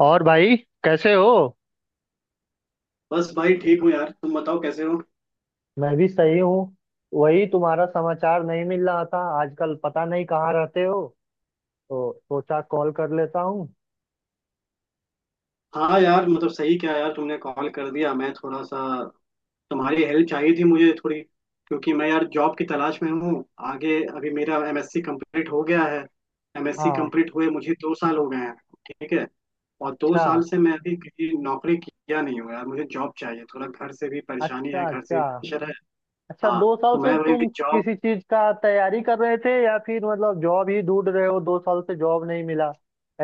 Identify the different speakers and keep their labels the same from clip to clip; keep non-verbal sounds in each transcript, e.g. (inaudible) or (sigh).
Speaker 1: और भाई, कैसे हो?
Speaker 2: बस भाई ठीक हूँ यार। तुम बताओ कैसे हो।
Speaker 1: मैं भी सही हूँ। वही तुम्हारा समाचार नहीं मिल रहा था आजकल, पता नहीं कहाँ रहते हो, तो सोचा कॉल कर लेता हूँ।
Speaker 2: हाँ यार, मतलब सही क्या यार तुमने कॉल कर दिया। मैं थोड़ा सा, तुम्हारी हेल्प चाहिए थी मुझे थोड़ी, क्योंकि मैं यार जॉब की तलाश में हूँ। आगे अभी मेरा एमएससी कंप्लीट हो गया है। एमएससी
Speaker 1: हाँ।
Speaker 2: कंप्लीट हुए मुझे 2 साल हो गए हैं। ठीक है। और दो
Speaker 1: अच्छा
Speaker 2: साल से मैं अभी किसी नौकरी किया नहीं हूँ यार, मुझे जॉब चाहिए, थोड़ा घर से भी परेशानी है,
Speaker 1: अच्छा।
Speaker 2: घर से
Speaker 1: अच्छा,
Speaker 2: भी प्रेशर है।
Speaker 1: अच्छा
Speaker 2: हाँ,
Speaker 1: 2 साल
Speaker 2: तो
Speaker 1: से
Speaker 2: मैं वही
Speaker 1: तुम
Speaker 2: जॉब।
Speaker 1: किसी चीज का तैयारी कर रहे थे या फिर मतलब जॉब ही ढूंढ रहे हो, 2 साल से जॉब नहीं मिला?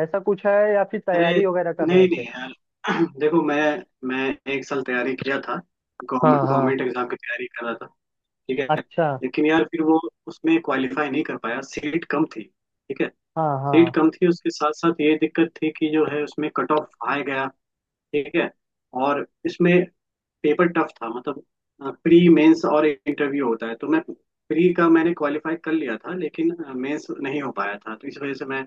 Speaker 1: ऐसा कुछ है या फिर
Speaker 2: अरे
Speaker 1: तैयारी वगैरह कर रहे
Speaker 2: नहीं नहीं
Speaker 1: थे?
Speaker 2: यार (clears throat) देखो मैं 1 साल तैयारी किया था। गवर्नमेंट
Speaker 1: हाँ हाँ।
Speaker 2: गवर्नमेंट एग्जाम की तैयारी कर रहा था। ठीक है।
Speaker 1: अच्छा।
Speaker 2: लेकिन यार फिर वो, उसमें क्वालिफाई नहीं कर पाया, सीट कम थी। ठीक है।
Speaker 1: हाँ
Speaker 2: सीट
Speaker 1: हाँ।
Speaker 2: कम थी, उसके साथ साथ ये दिक्कत थी कि जो है उसमें कट ऑफ हाई गया। ठीक है। और इसमें पेपर टफ था मतलब। प्री मेंस और इंटरव्यू होता है, तो मैं, प्री का मैंने क्वालिफाई कर लिया था, लेकिन मेंस नहीं हो पाया था, तो इस वजह से मैं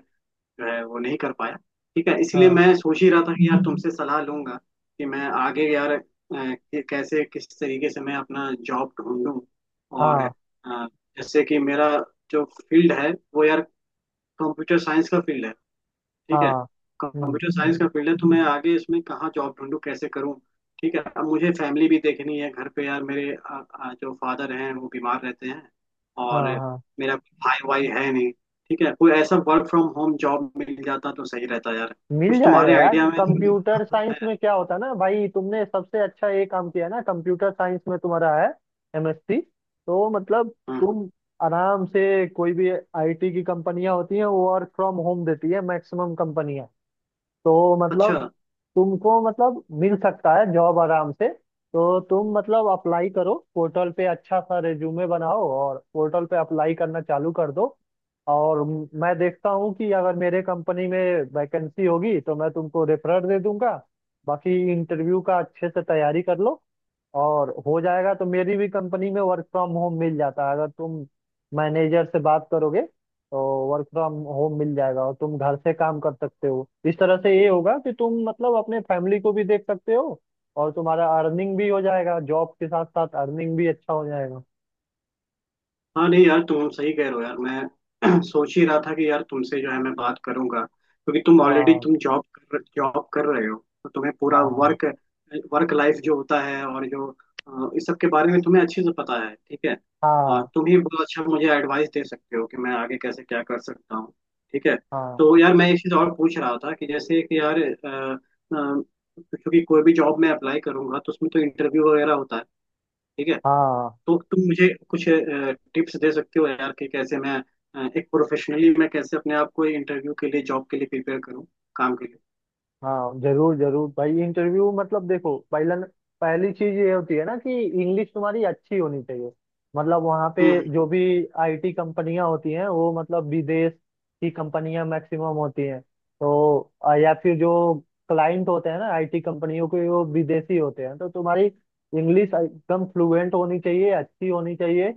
Speaker 2: मैं वो नहीं कर पाया। ठीक है, इसलिए
Speaker 1: हाँ
Speaker 2: मैं सोच ही रहा था कि यार तुमसे सलाह लूंगा कि मैं आगे यार कि कैसे किस तरीके से मैं अपना जॉब ढूंढूं। और
Speaker 1: हाँ।
Speaker 2: जैसे कि मेरा जो फील्ड है वो यार कंप्यूटर साइंस का फील्ड है। ठीक है।
Speaker 1: हाँ। हम्म।
Speaker 2: कंप्यूटर साइंस का फील्ड है, तो मैं आगे इसमें कहाँ जॉब ढूंढूं कैसे करूं। ठीक है। अब मुझे फैमिली भी देखनी है, घर पे यार मेरे जो फादर हैं वो बीमार रहते हैं। और
Speaker 1: हाँ हाँ,
Speaker 2: मेरा भाई वाई है नहीं। ठीक है, कोई ऐसा वर्क फ्रॉम होम जॉब मिल जाता तो सही रहता यार।
Speaker 1: मिल
Speaker 2: कुछ
Speaker 1: जाएगा
Speaker 2: तुम्हारे
Speaker 1: यार।
Speaker 2: आइडिया में
Speaker 1: कंप्यूटर
Speaker 2: (laughs)
Speaker 1: साइंस
Speaker 2: है।
Speaker 1: में क्या होता है ना भाई, तुमने सबसे अच्छा ये काम किया ना, कंप्यूटर साइंस में तुम्हारा है एमएससी, तो मतलब
Speaker 2: हम्म।
Speaker 1: तुम आराम से कोई भी आईटी की कंपनियां होती हैं, वो वर्क फ्रॉम होम देती है मैक्सिमम कंपनियां। तो
Speaker 2: अच्छा।
Speaker 1: मतलब तुमको मतलब मिल सकता है जॉब आराम से। तो तुम मतलब अप्लाई करो पोर्टल पे, अच्छा सा रिज्यूमे बनाओ और पोर्टल पे अप्लाई करना चालू कर दो। और मैं देखता हूँ कि अगर मेरे कंपनी में वैकेंसी होगी तो मैं तुमको रेफरर दे दूंगा। बाकी इंटरव्यू का अच्छे से तैयारी कर लो और हो जाएगा। तो मेरी भी कंपनी में वर्क फ्रॉम होम मिल जाता है अगर तुम मैनेजर से बात करोगे, तो वर्क फ्रॉम होम मिल जाएगा और तुम घर से काम कर सकते हो। इस तरह से ये होगा कि तुम मतलब अपने फैमिली को भी देख सकते हो, और तुम्हारा अर्निंग भी हो जाएगा, जॉब के साथ साथ अर्निंग भी अच्छा हो जाएगा।
Speaker 2: हाँ नहीं यार तुम सही कह रहे हो यार। मैं (clears throat) सोच ही रहा था कि यार तुमसे जो है मैं बात करूंगा, क्योंकि तुम ऑलरेडी
Speaker 1: हाँ
Speaker 2: तुम जॉब कर रहे हो। तो तुम्हें पूरा
Speaker 1: हाँ
Speaker 2: वर्क वर्क लाइफ जो होता है और जो इस सब के बारे में तुम्हें अच्छे से पता है। ठीक है।
Speaker 1: हाँ
Speaker 2: तुम ही बहुत अच्छा मुझे एडवाइस दे सकते हो कि मैं आगे कैसे क्या कर सकता हूँ। ठीक है।
Speaker 1: हाँ।
Speaker 2: तो यार मैं एक चीज़ और पूछ रहा था कि जैसे कि यार क्योंकि कोई भी जॉब मैं अप्लाई करूंगा तो उसमें तो इंटरव्यू वगैरह होता है। ठीक है।
Speaker 1: हाँ
Speaker 2: तो तुम मुझे कुछ टिप्स दे सकते हो यार कि कैसे मैं एक प्रोफेशनली मैं कैसे अपने आप को इंटरव्यू के लिए जॉब के लिए प्रिपेयर करूँ, काम के लिए।
Speaker 1: हाँ जरूर जरूर भाई। इंटरव्यू मतलब देखो, पहला, पहली चीज ये होती है ना कि इंग्लिश तुम्हारी अच्छी होनी चाहिए। मतलब वहाँ पे
Speaker 2: हम्म। हम्म।
Speaker 1: जो भी आईटी कंपनियां होती हैं वो मतलब विदेश की कंपनियां मैक्सिमम होती हैं। तो या फिर जो क्लाइंट होते हैं ना आईटी कंपनियों के, वो विदेशी होते हैं। तो तुम्हारी इंग्लिश एकदम फ्लुएंट होनी चाहिए, अच्छी होनी चाहिए।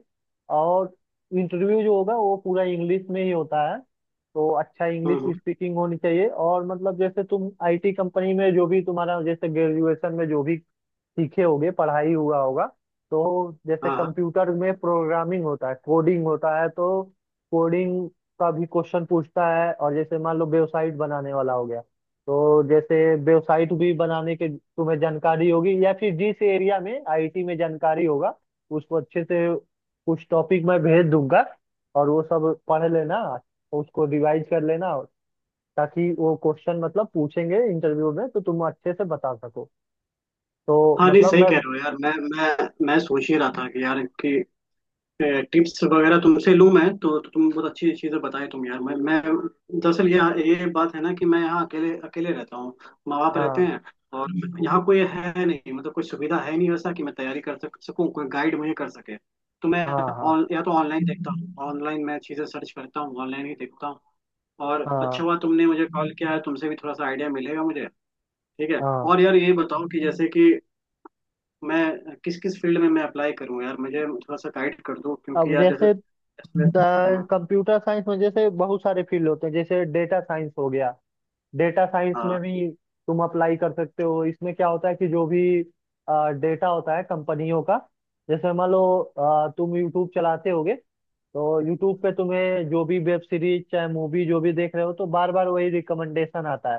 Speaker 1: और इंटरव्यू जो होगा वो पूरा इंग्लिश में ही होता है। तो अच्छा इंग्लिश
Speaker 2: हम्म। हम्म।
Speaker 1: स्पीकिंग होनी चाहिए। और मतलब जैसे तुम आईटी कंपनी में जो भी तुम्हारा, जैसे ग्रेजुएशन में जो भी सीखे होगे, पढ़ाई हुआ होगा, तो जैसे
Speaker 2: हाँ हाँ।
Speaker 1: कंप्यूटर में प्रोग्रामिंग होता है, कोडिंग होता है, तो कोडिंग का भी क्वेश्चन पूछता है। और जैसे मान लो वेबसाइट बनाने वाला हो गया, तो जैसे वेबसाइट भी बनाने के तुम्हें जानकारी होगी, या फिर जिस एरिया में आईटी में जानकारी होगा, उसको अच्छे से, कुछ टॉपिक मैं भेज दूंगा और वो सब पढ़ लेना, उसको रिवाइज कर लेना, ताकि वो क्वेश्चन मतलब पूछेंगे इंटरव्यू में तो तुम अच्छे से बता सको। तो
Speaker 2: हाँ, नहीं
Speaker 1: मतलब
Speaker 2: सही
Speaker 1: मैं।
Speaker 2: कह रहे हो यार। मैं सोच ही रहा था कि यार कि टिप्स वगैरह तुमसे लूं मैं, तो तुम बहुत अच्छी चीजें बताए तुम यार। मैं दरअसल ये बात है ना कि मैं यहाँ अकेले अकेले रहता हूँ। माँ बाप रहते
Speaker 1: हाँ
Speaker 2: हैं और यहाँ कोई है नहीं, मतलब कोई सुविधा है नहीं वैसा कि मैं तैयारी कर सक सकूँ, कोई गाइड मुझे कर सके। तो मैं
Speaker 1: हाँ हाँ
Speaker 2: या तो ऑनलाइन देखता हूँ, ऑनलाइन मैं चीजें सर्च करता हूँ, ऑनलाइन ही देखता हूँ। और
Speaker 1: हाँ
Speaker 2: अच्छा हुआ तुमने मुझे कॉल किया है, तुमसे भी थोड़ा सा आइडिया मिलेगा मुझे। ठीक है।
Speaker 1: हाँ।
Speaker 2: और यार ये बताओ कि जैसे कि मैं किस किस फील्ड में मैं अप्लाई करूं यार, मुझे थोड़ा सा गाइड कर दो,
Speaker 1: अब
Speaker 2: क्योंकि यार जैसे
Speaker 1: जैसे
Speaker 2: इसमें। हम्म।
Speaker 1: कंप्यूटर साइंस में जैसे बहुत सारे फील्ड होते हैं, जैसे डेटा साइंस हो गया। डेटा साइंस में
Speaker 2: हाँ।
Speaker 1: भी तुम अप्लाई कर सकते हो। इसमें क्या होता है कि जो भी डेटा होता है कंपनियों का, जैसे मान लो तुम यूट्यूब चलाते होगे, तो यूट्यूब पे तुम्हें जो भी वेब सीरीज चाहे मूवी जो भी देख रहे हो, तो बार बार वही रिकमेंडेशन आता है।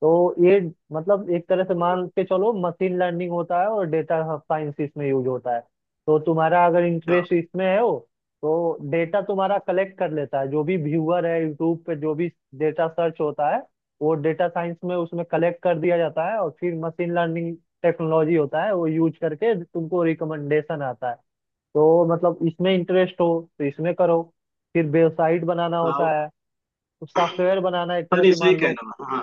Speaker 1: तो ये मतलब एक तरह से मान के चलो, मशीन लर्निंग होता है और डेटा साइंस इसमें यूज होता है। तो तुम्हारा अगर
Speaker 2: अच्छा।
Speaker 1: इंटरेस्ट इसमें है हो, तो डेटा तुम्हारा कलेक्ट कर लेता है, जो भी व्यूअर है यूट्यूब पे, जो भी डेटा सर्च होता है वो डेटा साइंस में उसमें कलेक्ट कर दिया जाता है, और फिर मशीन लर्निंग टेक्नोलॉजी होता है वो यूज करके तुमको रिकमेंडेशन आता है। तो मतलब इसमें इंटरेस्ट हो तो इसमें करो। फिर वेबसाइट बनाना
Speaker 2: हाँ
Speaker 1: होता है, सॉफ्टवेयर बनाना, एक
Speaker 2: हाँ,
Speaker 1: तरह
Speaker 2: नहीं
Speaker 1: से
Speaker 2: सही
Speaker 1: मान
Speaker 2: कह
Speaker 1: लो।
Speaker 2: रहा हूँ। हाँ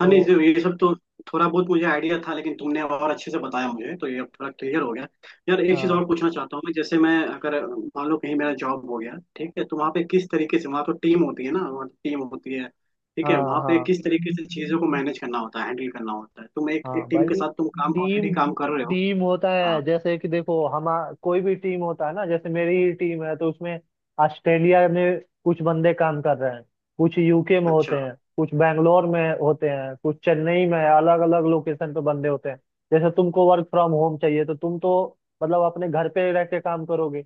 Speaker 2: हाँ, नहीं
Speaker 1: तो
Speaker 2: जो ये सब तो थोड़ा बहुत मुझे आइडिया था, लेकिन तुमने और अच्छे से बताया मुझे तो ये अब थोड़ा क्लियर हो गया। यार एक चीज़
Speaker 1: हाँ।
Speaker 2: और पूछना चाहता हूँ मैं, जैसे मैं अगर मान लो कहीं मेरा जॉब हो गया, ठीक है, तो वहाँ पे किस तरीके से, वहाँ तो टीम होती है ना, वहाँ टीम होती है। ठीक है,
Speaker 1: हाँ
Speaker 2: वहाँ पे
Speaker 1: हाँ।
Speaker 2: किस तरीके से चीज़ों को मैनेज करना होता है, हैंडल करना होता है। तुम एक एक
Speaker 1: हाँ
Speaker 2: टीम के
Speaker 1: भाई,
Speaker 2: साथ तुम काम ऑलरेडी
Speaker 1: टीम,
Speaker 2: काम कर रहे हो।
Speaker 1: टीम होता है।
Speaker 2: हाँ।
Speaker 1: जैसे कि देखो हम, कोई भी टीम होता है ना, जैसे मेरी ही टीम है तो उसमें ऑस्ट्रेलिया में कुछ बंदे काम कर रहे हैं, कुछ यूके में होते
Speaker 2: अच्छा।
Speaker 1: हैं, कुछ बैंगलोर में होते हैं, कुछ चेन्नई में, अलग अलग लोकेशन पे बंदे होते हैं। जैसे तुमको वर्क फ्रॉम होम चाहिए तो तुम तो मतलब अपने घर पे रह के काम करोगे,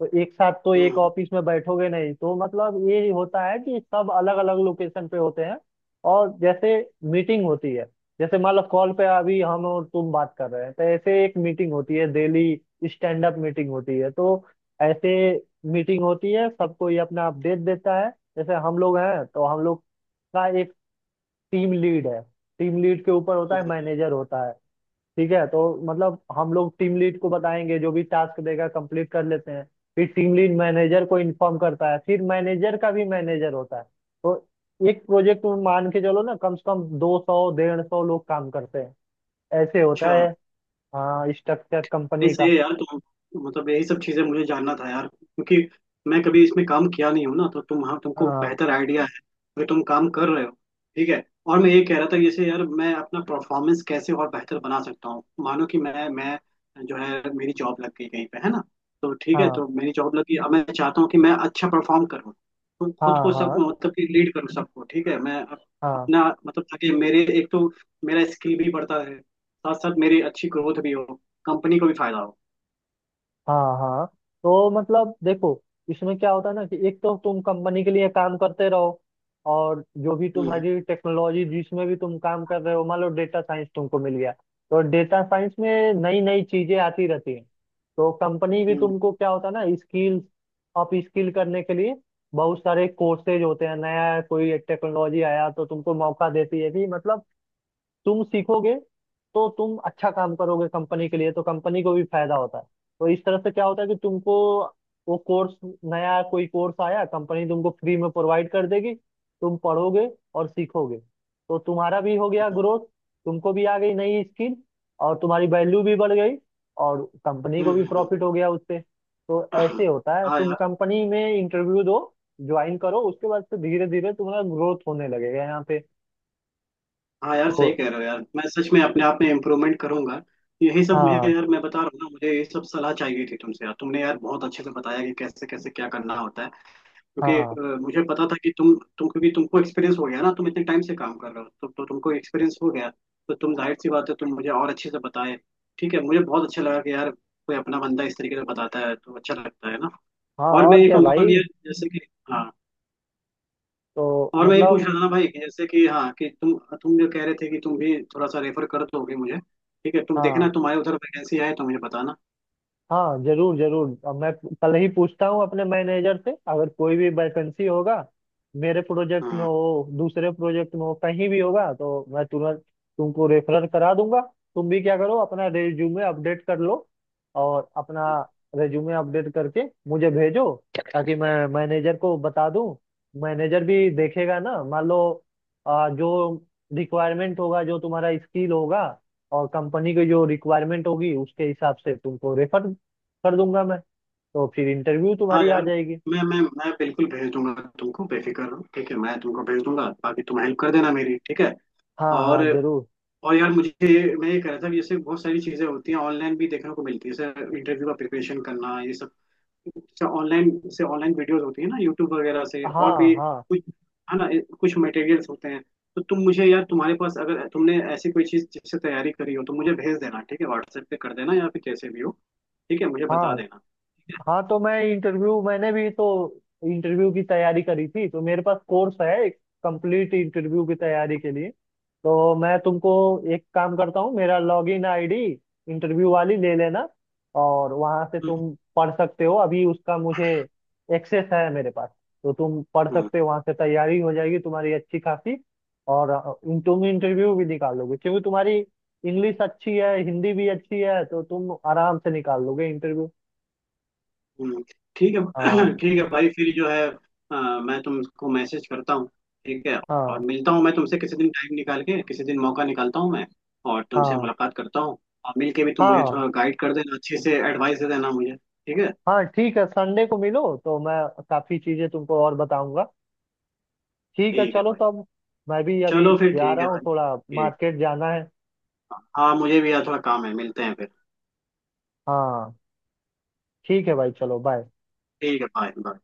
Speaker 1: तो एक साथ तो एक
Speaker 2: हम्म।
Speaker 1: ऑफिस में बैठोगे नहीं, तो मतलब ये होता है कि सब अलग अलग लोकेशन पे होते हैं। और जैसे मीटिंग होती है, जैसे मान लो कॉल पे अभी हम और तुम बात कर रहे हैं, तो ऐसे एक मीटिंग होती है डेली, स्टैंड अप मीटिंग होती है। तो ऐसे मीटिंग होती है, सबको ये अपना अपडेट देता है। जैसे हम लोग हैं तो हम लोग का एक टीम लीड है, टीम लीड के ऊपर होता है
Speaker 2: हम्म।
Speaker 1: मैनेजर होता है। ठीक है, तो मतलब हम लोग टीम लीड को बताएंगे, जो भी टास्क देगा कंप्लीट कर लेते हैं, फिर टीम लीड मैनेजर को इन्फॉर्म करता है, फिर मैनेजर का भी मैनेजर होता है। तो एक प्रोजेक्ट मान के चलो ना, कम से कम 200 150 लोग काम करते हैं। ऐसे होता
Speaker 2: अच्छा।
Speaker 1: है। हाँ, स्ट्रक्चर
Speaker 2: नहीं
Speaker 1: कंपनी
Speaker 2: सही
Speaker 1: का।
Speaker 2: है यार, तुम, मतलब यही सब चीजें मुझे जानना था यार, क्योंकि मैं कभी इसमें काम किया नहीं हूँ ना, तो तुम, हाँ तुमको
Speaker 1: हाँ
Speaker 2: बेहतर आइडिया है कि तुम काम कर रहे हो। ठीक है। और मैं ये कह रहा था, जैसे यार मैं अपना परफॉर्मेंस कैसे और बेहतर बना सकता हूँ, मानो कि मैं जो है, मेरी जॉब लग गई कहीं पे है ना, तो ठीक है,
Speaker 1: हाँ
Speaker 2: तो मेरी जॉब लगी, अब मैं चाहता हूँ कि मैं अच्छा परफॉर्म करूँ, तो
Speaker 1: हाँ
Speaker 2: खुद को सब
Speaker 1: हाँ
Speaker 2: मतलब कि लीड करूँ सबको। ठीक है,
Speaker 1: हाँ
Speaker 2: अपना मतलब ताकि मेरे, एक तो मेरा स्किल भी बढ़ता रहे, साथ साथ मेरी अच्छी ग्रोथ भी हो, कंपनी को भी फायदा हो।
Speaker 1: हाँ हाँ। तो मतलब देखो, इसमें क्या होता है ना कि एक तो तुम कंपनी के लिए काम करते रहो, और जो भी
Speaker 2: हम्म।
Speaker 1: तुम्हारी टेक्नोलॉजी जिसमें भी तुम काम कर रहे हो, मान लो डेटा साइंस तुमको मिल गया, तो डेटा साइंस में नई नई चीजें आती रहती हैं। तो कंपनी भी
Speaker 2: हम्म।
Speaker 1: तुमको, क्या होता है ना, स्किल अप स्किल करने के लिए बहुत सारे कोर्सेज होते हैं। नया कोई टेक्नोलॉजी आया तो तुमको मौका देती है कि मतलब तुम सीखोगे, तो तुम अच्छा काम करोगे कंपनी के लिए, तो कंपनी को भी फायदा होता है। तो इस तरह से क्या होता है कि तुमको वो कोर्स, नया कोई कोर्स आया, कंपनी तुमको फ्री में प्रोवाइड कर देगी, तुम पढ़ोगे और सीखोगे, तो तुम्हारा भी हो गया
Speaker 2: हम्म।
Speaker 1: ग्रोथ, तुमको भी आ गई नई स्किल और तुम्हारी वैल्यू भी बढ़ गई, और कंपनी को
Speaker 2: हम्म।
Speaker 1: भी
Speaker 2: हम्म।
Speaker 1: प्रॉफिट हो गया उससे। तो
Speaker 2: हम्म।
Speaker 1: ऐसे होता है।
Speaker 2: हाँ
Speaker 1: तुम
Speaker 2: यार।
Speaker 1: कंपनी में इंटरव्यू दो, ज्वाइन करो, उसके बाद से धीरे धीरे तुम्हारा ग्रोथ होने लगेगा यहाँ पे।
Speaker 2: हाँ यार
Speaker 1: तो
Speaker 2: सही कह रहे हो यार, मैं सच में अपने आप में इम्प्रूवमेंट करूंगा। यही सब मुझे
Speaker 1: हाँ
Speaker 2: यार मैं बता रहा हूँ ना, मुझे ये सब सलाह चाहिए थी तुमसे यार, तुमने यार बहुत अच्छे से बताया कि कैसे कैसे क्या करना होता है। क्योंकि
Speaker 1: हाँ
Speaker 2: मुझे पता था कि तुम क्योंकि तुमको एक्सपीरियंस हो गया ना, तुम इतने टाइम से काम कर रहे हो, तो तुमको एक्सपीरियंस हो गया। तो तुम जाहिर सी बात है, तुम मुझे और अच्छे से बताए। ठीक है, मुझे बहुत अच्छा लगा कि यार कोई अपना बंदा इस तरीके से बताता है तो अच्छा लगता है ना।
Speaker 1: हाँ,
Speaker 2: और मैं
Speaker 1: और
Speaker 2: ये
Speaker 1: क्या
Speaker 2: कहूंगा कि
Speaker 1: भाई,
Speaker 2: यार जैसे कि, हाँ।
Speaker 1: तो
Speaker 2: और मैं ये पूछ रहा
Speaker 1: मतलब।
Speaker 2: था ना भाई कि जैसे कि हाँ, कि तुम जो कह रहे थे कि तुम भी थोड़ा सा रेफर कर दोगे मुझे, ठीक है तुम
Speaker 1: हाँ
Speaker 2: देखना, तुम्हारे उधर वैकेंसी आए तो मुझे बताना।
Speaker 1: हाँ जरूर जरूर, अब मैं कल ही पूछता हूँ अपने मैनेजर से, अगर कोई भी वैकेंसी होगा मेरे प्रोजेक्ट में
Speaker 2: हाँ
Speaker 1: हो, दूसरे प्रोजेक्ट में हो, कहीं भी होगा तो मैं तुरंत तुमको रेफरल करा दूंगा। तुम भी क्या करो, अपना रेज्यूमे अपडेट कर लो, और अपना
Speaker 2: हाँ।
Speaker 1: रेज्यूमे अपडेट करके मुझे भेजो, ताकि मैं मैनेजर को बता दूं। मैनेजर भी देखेगा ना, मान लो जो रिक्वायरमेंट होगा, जो तुम्हारा स्किल होगा और कंपनी की जो रिक्वायरमेंट होगी, उसके हिसाब से तुमको रेफर कर दूंगा मैं। तो फिर इंटरव्यू
Speaker 2: हाँ
Speaker 1: तुम्हारी आ
Speaker 2: यार,
Speaker 1: जाएगी।
Speaker 2: मैं बिल्कुल भेज दूंगा तुमको, बेफिक्र रहो। ठीक है, मैं तुमको भेज दूंगा, बाकी तुम हेल्प कर देना मेरी। ठीक है।
Speaker 1: हाँ
Speaker 2: और
Speaker 1: हाँ जरूर।
Speaker 2: यार मुझे, मैं ये कह रहा था कि जैसे बहुत सारी चीजें होती हैं ऑनलाइन भी देखने को मिलती है, जैसे इंटरव्यू का प्रिपरेशन करना, ये सब से ऑनलाइन से ऑनलाइन वीडियोस होती है ना, यूट्यूब वगैरह से
Speaker 1: हाँ
Speaker 2: और भी
Speaker 1: हाँ
Speaker 2: कुछ है ना, कुछ मटेरियल्स होते हैं। तो तुम मुझे यार, तुम्हारे पास अगर तुमने ऐसी कोई चीज जिससे तैयारी करी हो तो मुझे भेज देना, ठीक है व्हाट्सएप पे कर देना या फिर जैसे भी हो। ठीक है मुझे बता
Speaker 1: हाँ
Speaker 2: देना। ठीक है।
Speaker 1: हाँ, तो मैं इंटरव्यू, मैंने भी तो इंटरव्यू की तैयारी करी थी, तो मेरे पास कोर्स है एक, कंप्लीट इंटरव्यू की तैयारी के लिए। तो मैं तुमको एक काम करता हूँ, मेरा लॉगिन आईडी इंटरव्यू वाली ले लेना, और वहां से तुम पढ़ सकते हो। अभी उसका मुझे एक्सेस है मेरे पास, तो तुम पढ़
Speaker 2: हम्म।
Speaker 1: सकते हो, वहां से तैयारी हो जाएगी तुम्हारी अच्छी खासी। और तुम इंटरव्यू भी निकाल लोगे, क्योंकि तुम्हारी इंग्लिश अच्छी है, हिंदी भी अच्छी है, तो तुम आराम से निकाल लोगे इंटरव्यू।
Speaker 2: हम्म। ठीक है
Speaker 1: हाँ
Speaker 2: (clears throat) ठीक है भाई, फिर जो है मैं तुमको मैसेज करता हूँ। ठीक है। और
Speaker 1: हाँ
Speaker 2: मिलता हूँ मैं तुमसे किसी दिन, टाइम निकाल के किसी दिन मौका निकालता हूँ मैं, और तुमसे
Speaker 1: हाँ
Speaker 2: मुलाकात करता हूँ। और मिल के भी तुम मुझे
Speaker 1: हाँ
Speaker 2: थोड़ा गाइड कर देना अच्छे से, एडवाइस दे देना मुझे। ठीक है।
Speaker 1: हाँ। ठीक है, संडे को मिलो तो मैं काफी चीजें तुमको और बताऊंगा। ठीक है
Speaker 2: ठीक है
Speaker 1: चलो
Speaker 2: भाई,
Speaker 1: तब, मैं भी अभी
Speaker 2: चलो फिर,
Speaker 1: जा
Speaker 2: ठीक
Speaker 1: रहा
Speaker 2: है
Speaker 1: हूँ,
Speaker 2: भाई।
Speaker 1: थोड़ा
Speaker 2: ठीक।
Speaker 1: मार्केट जाना है।
Speaker 2: हाँ मुझे भी यार थोड़ा काम है, मिलते हैं फिर।
Speaker 1: हाँ, ठीक है भाई, चलो बाय।
Speaker 2: ठीक है, बाय बाय।